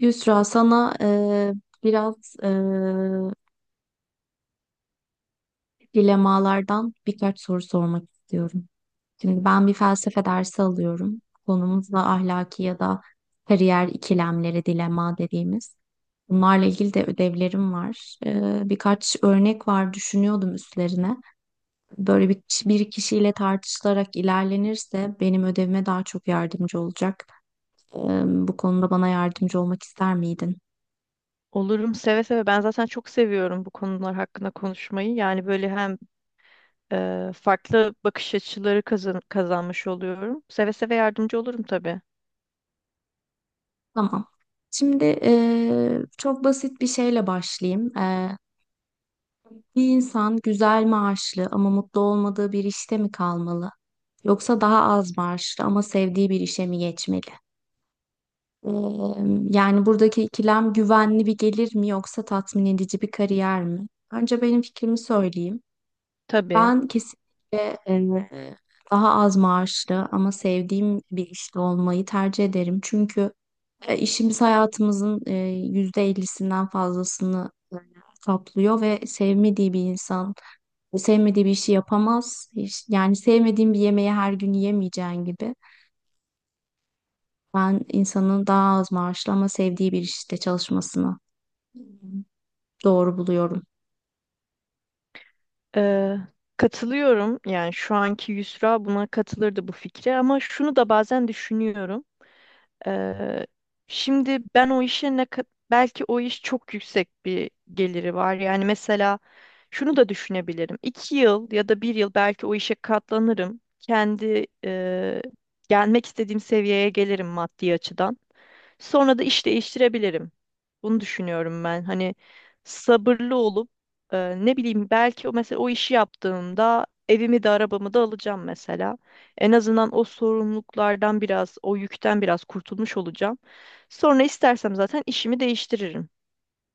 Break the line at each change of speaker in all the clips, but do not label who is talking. Yusra, sana biraz dilemalardan birkaç soru sormak istiyorum. Şimdi ben bir felsefe dersi alıyorum. Konumuz da ahlaki ya da kariyer ikilemleri, dilema dediğimiz. Bunlarla ilgili de ödevlerim var. Birkaç örnek var, düşünüyordum üstlerine. Böyle bir kişiyle tartışılarak ilerlenirse benim ödevime daha çok yardımcı olacak. Bu konuda bana yardımcı olmak ister miydin?
Olurum seve seve. Ben zaten çok seviyorum bu konular hakkında konuşmayı. Yani böyle hem farklı bakış açıları kazanmış oluyorum. Seve seve yardımcı olurum tabii.
Tamam. Şimdi, çok basit bir şeyle başlayayım. Bir insan güzel maaşlı ama mutlu olmadığı bir işte mi kalmalı? Yoksa daha az maaşlı ama sevdiği bir işe mi geçmeli? Yani buradaki ikilem güvenli bir gelir mi, yoksa tatmin edici bir kariyer mi? Önce benim fikrimi söyleyeyim.
Tabii.
Ben kesinlikle daha az maaşlı ama sevdiğim bir işte olmayı tercih ederim. Çünkü işimiz hayatımızın %50'sinden fazlasını kaplıyor ve sevmediği bir insan sevmediği bir işi yapamaz. Yani sevmediğim bir yemeği her gün yemeyeceğin gibi. Ben insanın daha az maaşlı ama sevdiği bir işte çalışmasını doğru buluyorum.
Ee, katılıyorum. Yani şu anki Yusra buna katılırdı bu fikre ama şunu da bazen düşünüyorum. Eee, şimdi ben o işe belki o iş çok yüksek bir geliri var. Yani mesela şunu da düşünebilirim. 2 yıl ya da bir yıl belki o işe katlanırım. Kendi gelmek istediğim seviyeye gelirim maddi açıdan. Sonra da iş değiştirebilirim. Bunu düşünüyorum ben. Hani sabırlı olup ne bileyim belki o mesela o işi yaptığımda evimi de arabamı da alacağım mesela. En azından o sorumluluklardan biraz, o yükten biraz kurtulmuş olacağım. Sonra istersem zaten işimi değiştiririm.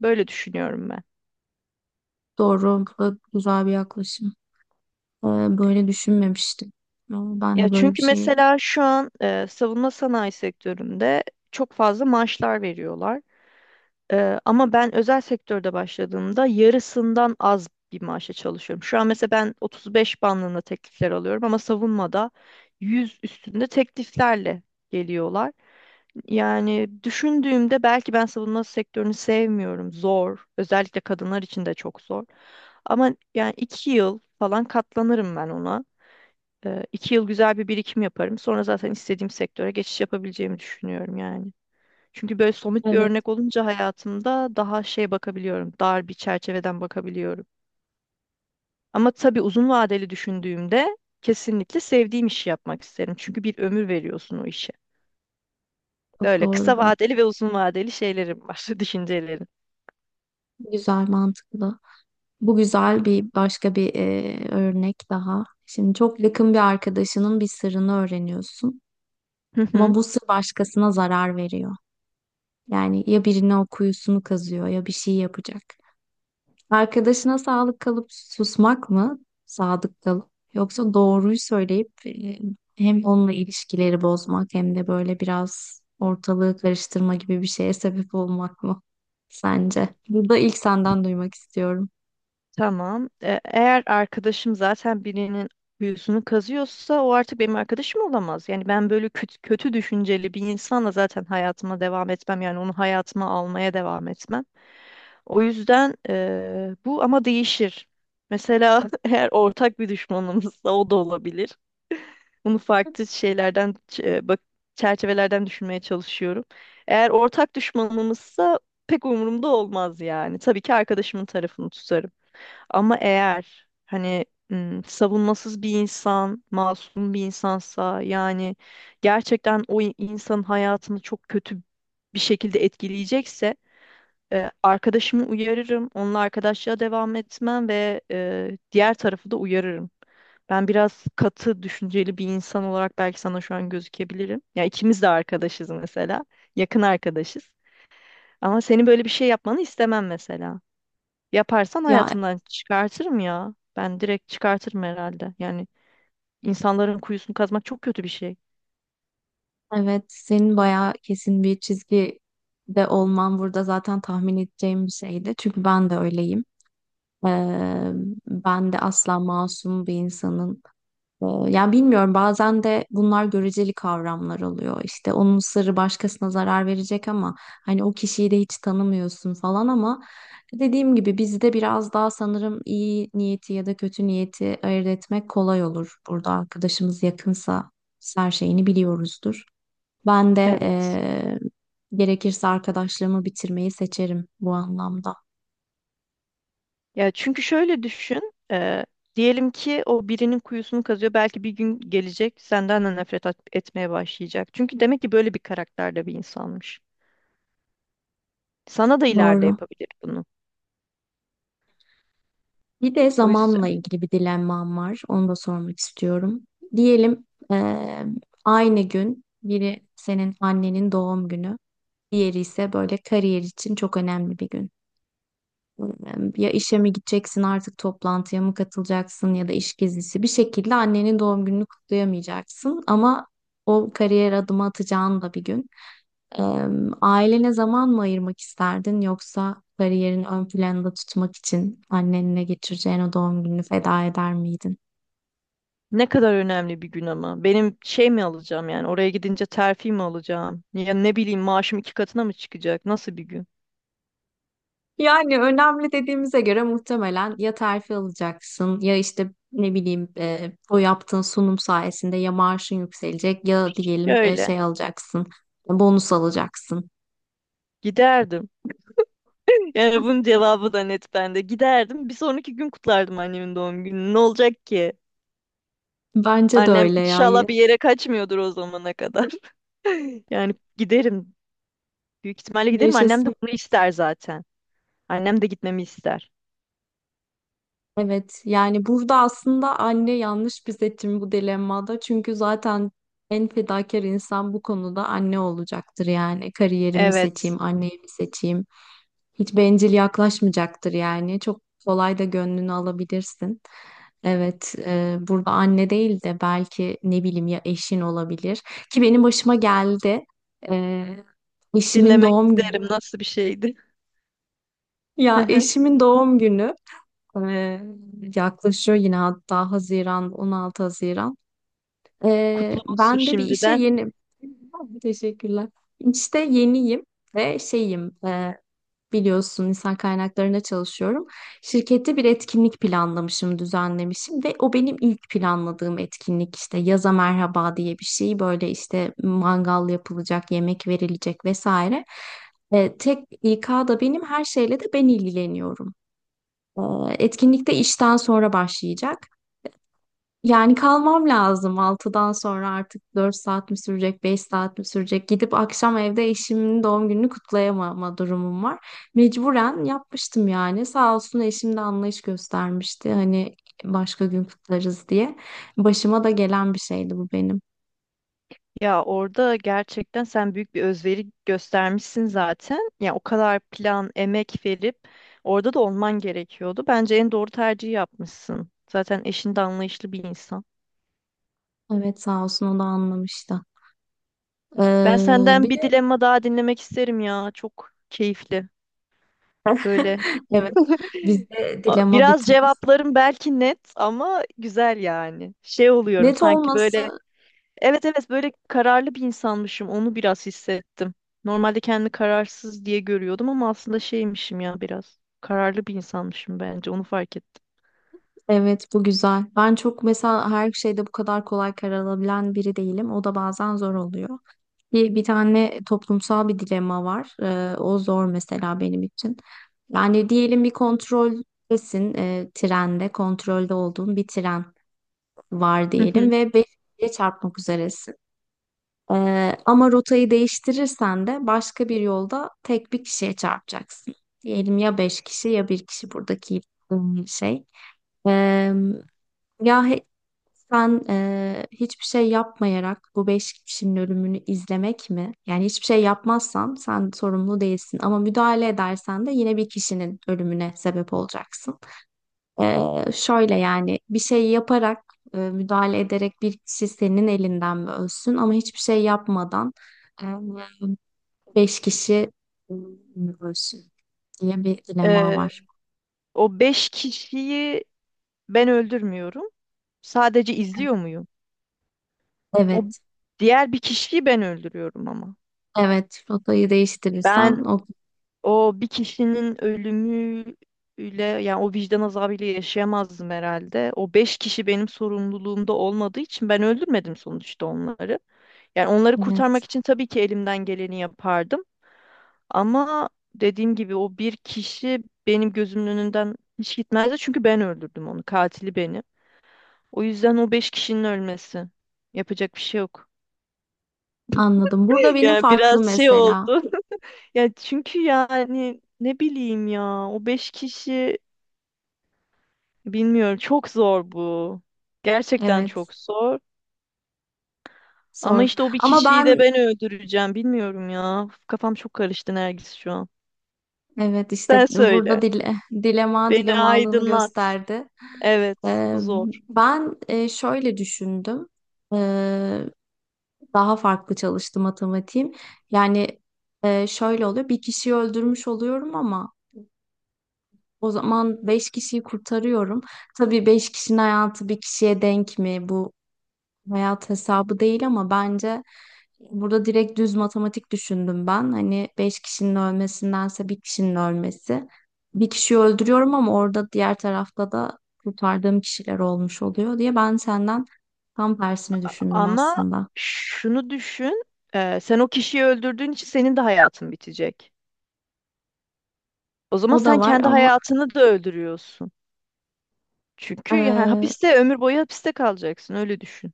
Böyle düşünüyorum ben.
Doğru ve güzel bir yaklaşım. Ee, Böyle düşünmemiştim. Ama ben
Ya
de böyle bir
çünkü
şey.
mesela şu an savunma sanayi sektöründe çok fazla maaşlar veriyorlar. Ama ben özel sektörde başladığımda yarısından az bir maaşa çalışıyorum. Şu an mesela ben 35 bandında teklifler alıyorum ama savunmada 100 üstünde tekliflerle geliyorlar. Yani düşündüğümde belki ben savunma sektörünü sevmiyorum. Zor. Özellikle kadınlar için de çok zor. Ama yani 2 yıl falan katlanırım ben ona. 2 yıl güzel bir birikim yaparım. Sonra zaten istediğim sektöre geçiş yapabileceğimi düşünüyorum yani. Çünkü böyle somut bir
Evet,
örnek olunca hayatımda daha şey bakabiliyorum. Dar bir çerçeveden bakabiliyorum. Ama tabii uzun vadeli düşündüğümde kesinlikle sevdiğim işi yapmak isterim. Çünkü bir ömür veriyorsun o işe.
çok
Böyle
doğru.
kısa vadeli ve uzun vadeli şeylerim var, düşüncelerim.
Güzel, mantıklı. Bu güzel, bir başka bir örnek daha. Şimdi çok yakın bir arkadaşının bir sırrını öğreniyorsun.
Hı
Ama
hı.
bu sır başkasına zarar veriyor. Yani ya birine o kuyusunu kazıyor, ya bir şey yapacak. Arkadaşına sağlık kalıp susmak mı? Sadık kalıp. Yoksa doğruyu söyleyip hem onunla ilişkileri bozmak, hem de böyle biraz ortalığı karıştırma gibi bir şeye sebep olmak mı? Sence? Burada ilk senden duymak istiyorum.
Tamam. Eğer arkadaşım zaten birinin kuyusunu kazıyorsa o artık benim arkadaşım olamaz. Yani ben böyle kötü, kötü düşünceli bir insanla zaten hayatıma devam etmem. Yani onu hayatıma almaya devam etmem. O yüzden bu ama değişir. Mesela eğer ortak bir düşmanımızsa o da olabilir. Bunu farklı şeylerden, bak, çerçevelerden düşünmeye çalışıyorum. Eğer ortak düşmanımızsa pek umurumda olmaz yani. Tabii ki arkadaşımın tarafını tutarım. Ama eğer hani savunmasız bir insan, masum bir insansa yani gerçekten o insanın hayatını çok kötü bir şekilde etkileyecekse arkadaşımı uyarırım, onunla arkadaşlığa devam etmem ve diğer tarafı da uyarırım. Ben biraz katı, düşünceli bir insan olarak belki sana şu an gözükebilirim. Ya ikimiz de arkadaşız mesela, yakın arkadaşız. Ama senin böyle bir şey yapmanı istemem mesela. Yaparsan
Ya,
hayatımdan çıkartırım ya. Ben direkt çıkartırım herhalde. Yani insanların kuyusunu kazmak çok kötü bir şey.
evet, senin bayağı kesin bir çizgi de olman burada zaten tahmin edeceğim bir şeydi. Çünkü ben de öyleyim. Ee, Ben de asla masum bir insanın. Yani bilmiyorum, bazen de bunlar göreceli kavramlar oluyor. İşte onun sırrı başkasına zarar verecek ama hani o kişiyi de hiç tanımıyorsun falan, ama dediğim gibi bizde biraz daha, sanırım, iyi niyeti ya da kötü niyeti ayırt etmek kolay olur. Burada arkadaşımız yakınsa biz her şeyini biliyoruzdur. Ben de
Evet.
gerekirse arkadaşlığımı bitirmeyi seçerim bu anlamda.
Ya çünkü şöyle düşün. Diyelim ki o birinin kuyusunu kazıyor. Belki bir gün gelecek senden de nefret etmeye başlayacak. Çünkü demek ki böyle bir karakterde bir insanmış. Sana da ileride
Doğru.
yapabilir bunu.
Bir de
O
zamanla
yüzden
ilgili bir dilemmam var. Onu da sormak istiyorum. Diyelim, aynı gün biri senin annenin doğum günü, diğeri ise böyle kariyer için çok önemli bir gün. Eee, Ya işe mi gideceksin artık, toplantıya mı katılacaksın ya da iş gezisi, bir şekilde annenin doğum gününü kutlayamayacaksın ama o kariyer adımı atacağın da bir gün. Eee, Ailene zaman mı ayırmak isterdin, yoksa kariyerin ön planda tutmak için annenle geçireceğin o doğum gününü feda eder miydin?
ne kadar önemli bir gün ama. Benim şey mi alacağım yani oraya gidince terfi mi alacağım? Ya ne bileyim maaşım iki katına mı çıkacak? Nasıl bir gün?
Yani önemli dediğimize göre muhtemelen ya terfi alacaksın, ya işte ne bileyim, o yaptığın sunum sayesinde ya maaşın yükselecek, ya diyelim
Öyle.
şey alacaksın, bonus alacaksın.
Giderdim. Yani bunun cevabı da net bende. Giderdim. Bir sonraki gün kutlardım annemin doğum gününü. Ne olacak ki?
Bence de
Annem
öyle ya.
inşallah bir yere kaçmıyordur o zamana kadar. Yani giderim. Büyük ihtimalle giderim. Annem de
Yaşasın.
bunu ister zaten. Annem de gitmemi ister.
Evet, yani burada aslında anne yanlış bir seçim bu dilemmada. Çünkü zaten en fedakar insan bu konuda anne olacaktır yani. Kariyerimi
Evet.
seçeyim, anneyi mi seçeyim? Hiç bencil yaklaşmayacaktır yani. Çok kolay da gönlünü alabilirsin. Evet, burada anne değil de belki ne bileyim, ya eşin olabilir. Ki benim başıma geldi. E, Eşimin
Dinlemek
doğum günü.
isterim. Nasıl bir şeydi?
Ya, eşimin doğum günü. Ee, Yaklaşıyor yine, hatta Haziran, 16 Haziran.
Kutlu olsun
Ben de bir işe
şimdiden.
yeni... Teşekkürler. İşte yeniyim ve şeyim, biliyorsun, insan kaynaklarında çalışıyorum. Şirkette bir etkinlik planlamışım, düzenlemişim ve o benim ilk planladığım etkinlik, işte yaza merhaba diye bir şey. Böyle işte mangal yapılacak, yemek verilecek, vesaire. Tek İK'da benim, her şeyle de ben ilgileniyorum. Ee, Etkinlik de işten sonra başlayacak. Yani kalmam lazım 6'dan sonra, artık 4 saat mi sürecek, 5 saat mi sürecek? Gidip akşam evde eşimin doğum gününü kutlayamama durumum var. Mecburen yapmıştım yani. Sağ olsun, eşim de anlayış göstermişti. Hani başka gün kutlarız diye. Başıma da gelen bir şeydi bu benim.
Ya orada gerçekten sen büyük bir özveri göstermişsin zaten. Ya o kadar plan, emek verip orada da olman gerekiyordu. Bence en doğru tercihi yapmışsın. Zaten eşin de anlayışlı bir insan.
Evet, sağ olsun, o da anlamıştı.
Ben senden
Bir
bir
de.
dilemma daha dinlemek isterim ya. Çok keyifli. Böyle
evet, bizde dilema
biraz
bitmez.
cevaplarım belki net ama güzel yani. Şey oluyorum
Net
sanki
olması.
böyle. Evet, evet, böyle kararlı bir insanmışım. Onu biraz hissettim. Normalde kendimi kararsız diye görüyordum ama aslında şeymişim ya biraz. Kararlı bir insanmışım bence. Onu fark ettim.
Evet, bu güzel. Ben çok, mesela, her şeyde bu kadar kolay karar alabilen biri değilim. O da bazen zor oluyor. Bir tane toplumsal bir dilema var. O zor mesela benim için. Yani diyelim bir kontroldesin, trende, kontrolde olduğun bir tren var
Hı
diyelim
hı.
ve beşinciye çarpmak üzeresin. Ama rotayı değiştirirsen de başka bir yolda tek bir kişiye çarpacaksın. Diyelim, ya beş kişi ya bir kişi, buradaki şey. Ya he- Sen hiçbir şey yapmayarak bu beş kişinin ölümünü izlemek mi? Yani hiçbir şey yapmazsan sen sorumlu değilsin, ama müdahale edersen de yine bir kişinin ölümüne sebep olacaksın. Şöyle, yani bir şey yaparak, müdahale ederek bir kişi senin elinden mi ölsün, ama hiçbir şey yapmadan eee, beş kişi mi ölsün diye bir dilema
Ee,
var.
O beş kişiyi ben öldürmüyorum. Sadece izliyor muyum? O
Evet,
diğer bir kişiyi ben öldürüyorum ama.
evet. Rotayı değiştirirsen
Ben
o,
o bir kişinin ölümüyle yani o vicdan azabıyla yaşayamazdım herhalde. O beş kişi benim sorumluluğumda olmadığı için ben öldürmedim sonuçta onları. Yani onları kurtarmak
evet.
için tabii ki elimden geleni yapardım. Ama dediğim gibi o bir kişi benim gözümün önünden hiç gitmezdi. Çünkü ben öldürdüm onu. Katili benim. O yüzden o beş kişinin ölmesi. Yapacak bir şey yok.
Anladım. Burada benim
Yani
farklı
biraz şey
mesela.
oldu. Ya çünkü yani ne bileyim ya o beş kişi bilmiyorum çok zor bu. Gerçekten
Evet,
çok zor. Ama
zor.
işte o bir
Ama
kişiyi de
ben,
ben öldüreceğim bilmiyorum ya. Kafam çok karıştı Nergis şu an.
evet, işte
Sen
burada
söyle.
dilema
Beni
dilemalığını
aydınlat.
gösterdi.
Evet, bu
Ee,
zor.
Ben, şöyle düşündüm. Ee, Daha farklı çalıştı matematiğim. Yani, şöyle oluyor. Bir kişiyi öldürmüş oluyorum, ama o zaman beş kişiyi kurtarıyorum. Tabii beş kişinin hayatı bir kişiye denk mi? Bu hayat hesabı değil, ama bence burada direkt düz matematik düşündüm ben. Hani beş kişinin ölmesindense bir kişinin ölmesi. Bir kişiyi öldürüyorum ama orada diğer tarafta da kurtardığım kişiler olmuş oluyor diye, ben senden tam tersini düşündüm
Ama
aslında.
şunu düşün, sen o kişiyi öldürdüğün için senin de hayatın bitecek. O zaman
O da
sen
var
kendi
ama,
hayatını da öldürüyorsun. Çünkü yani
eee,
hapiste ömür boyu hapiste kalacaksın, öyle düşün.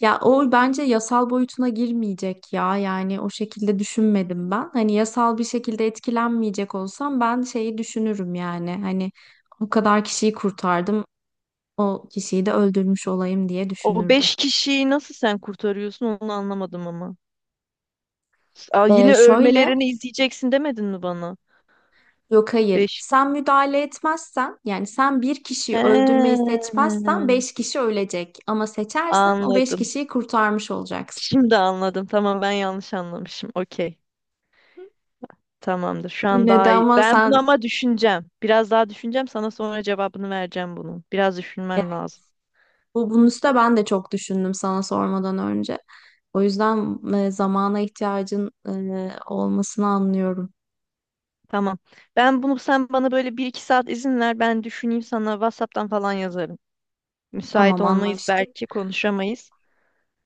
ya o bence yasal boyutuna girmeyecek ya. Yani o şekilde düşünmedim ben. Hani yasal bir şekilde etkilenmeyecek olsam ben şeyi düşünürüm yani. Hani o kadar kişiyi kurtardım. O kişiyi de öldürmüş olayım diye
O
düşünürdüm.
beş kişiyi nasıl sen kurtarıyorsun onu anlamadım ama. Aa, yine
Şöyle,
ölmelerini izleyeceksin demedin mi bana?
yok, hayır.
Beş.
Sen müdahale etmezsen, yani sen bir kişiyi öldürmeyi
He,
seçmezsen, beş kişi ölecek. Ama seçersen o beş
anladım.
kişiyi kurtarmış olacaksın.
Şimdi anladım. Tamam, ben yanlış anlamışım. Okey. Tamamdır. Şu an
Yine de
daha iyi.
ama
Ben
sen,
bunu ama düşüneceğim. Biraz daha düşüneceğim. Sana sonra cevabını vereceğim bunun. Biraz
evet,
düşünmem lazım.
bu bunun üstüne ben de çok düşündüm sana sormadan önce. O yüzden, zamana ihtiyacın olmasını anlıyorum.
Tamam. Ben bunu sen bana böyle bir iki saat izin ver. Ben düşüneyim, sana WhatsApp'tan falan yazarım. Müsait
Tamam,
olmayız,
anlaştık.
belki konuşamayız.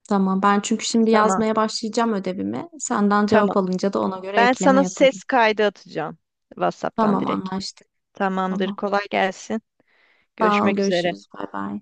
Tamam, ben çünkü şimdi
Tamam.
yazmaya başlayacağım ödevimi. Senden cevap
Tamam.
alınca da ona göre
Ben
ekleme
sana
yaparım.
ses kaydı atacağım. WhatsApp'tan
Tamam,
direkt.
anlaştık.
Tamamdır.
Tamam.
Kolay gelsin.
Sağ ol.
Görüşmek üzere.
Görüşürüz. Bay bay.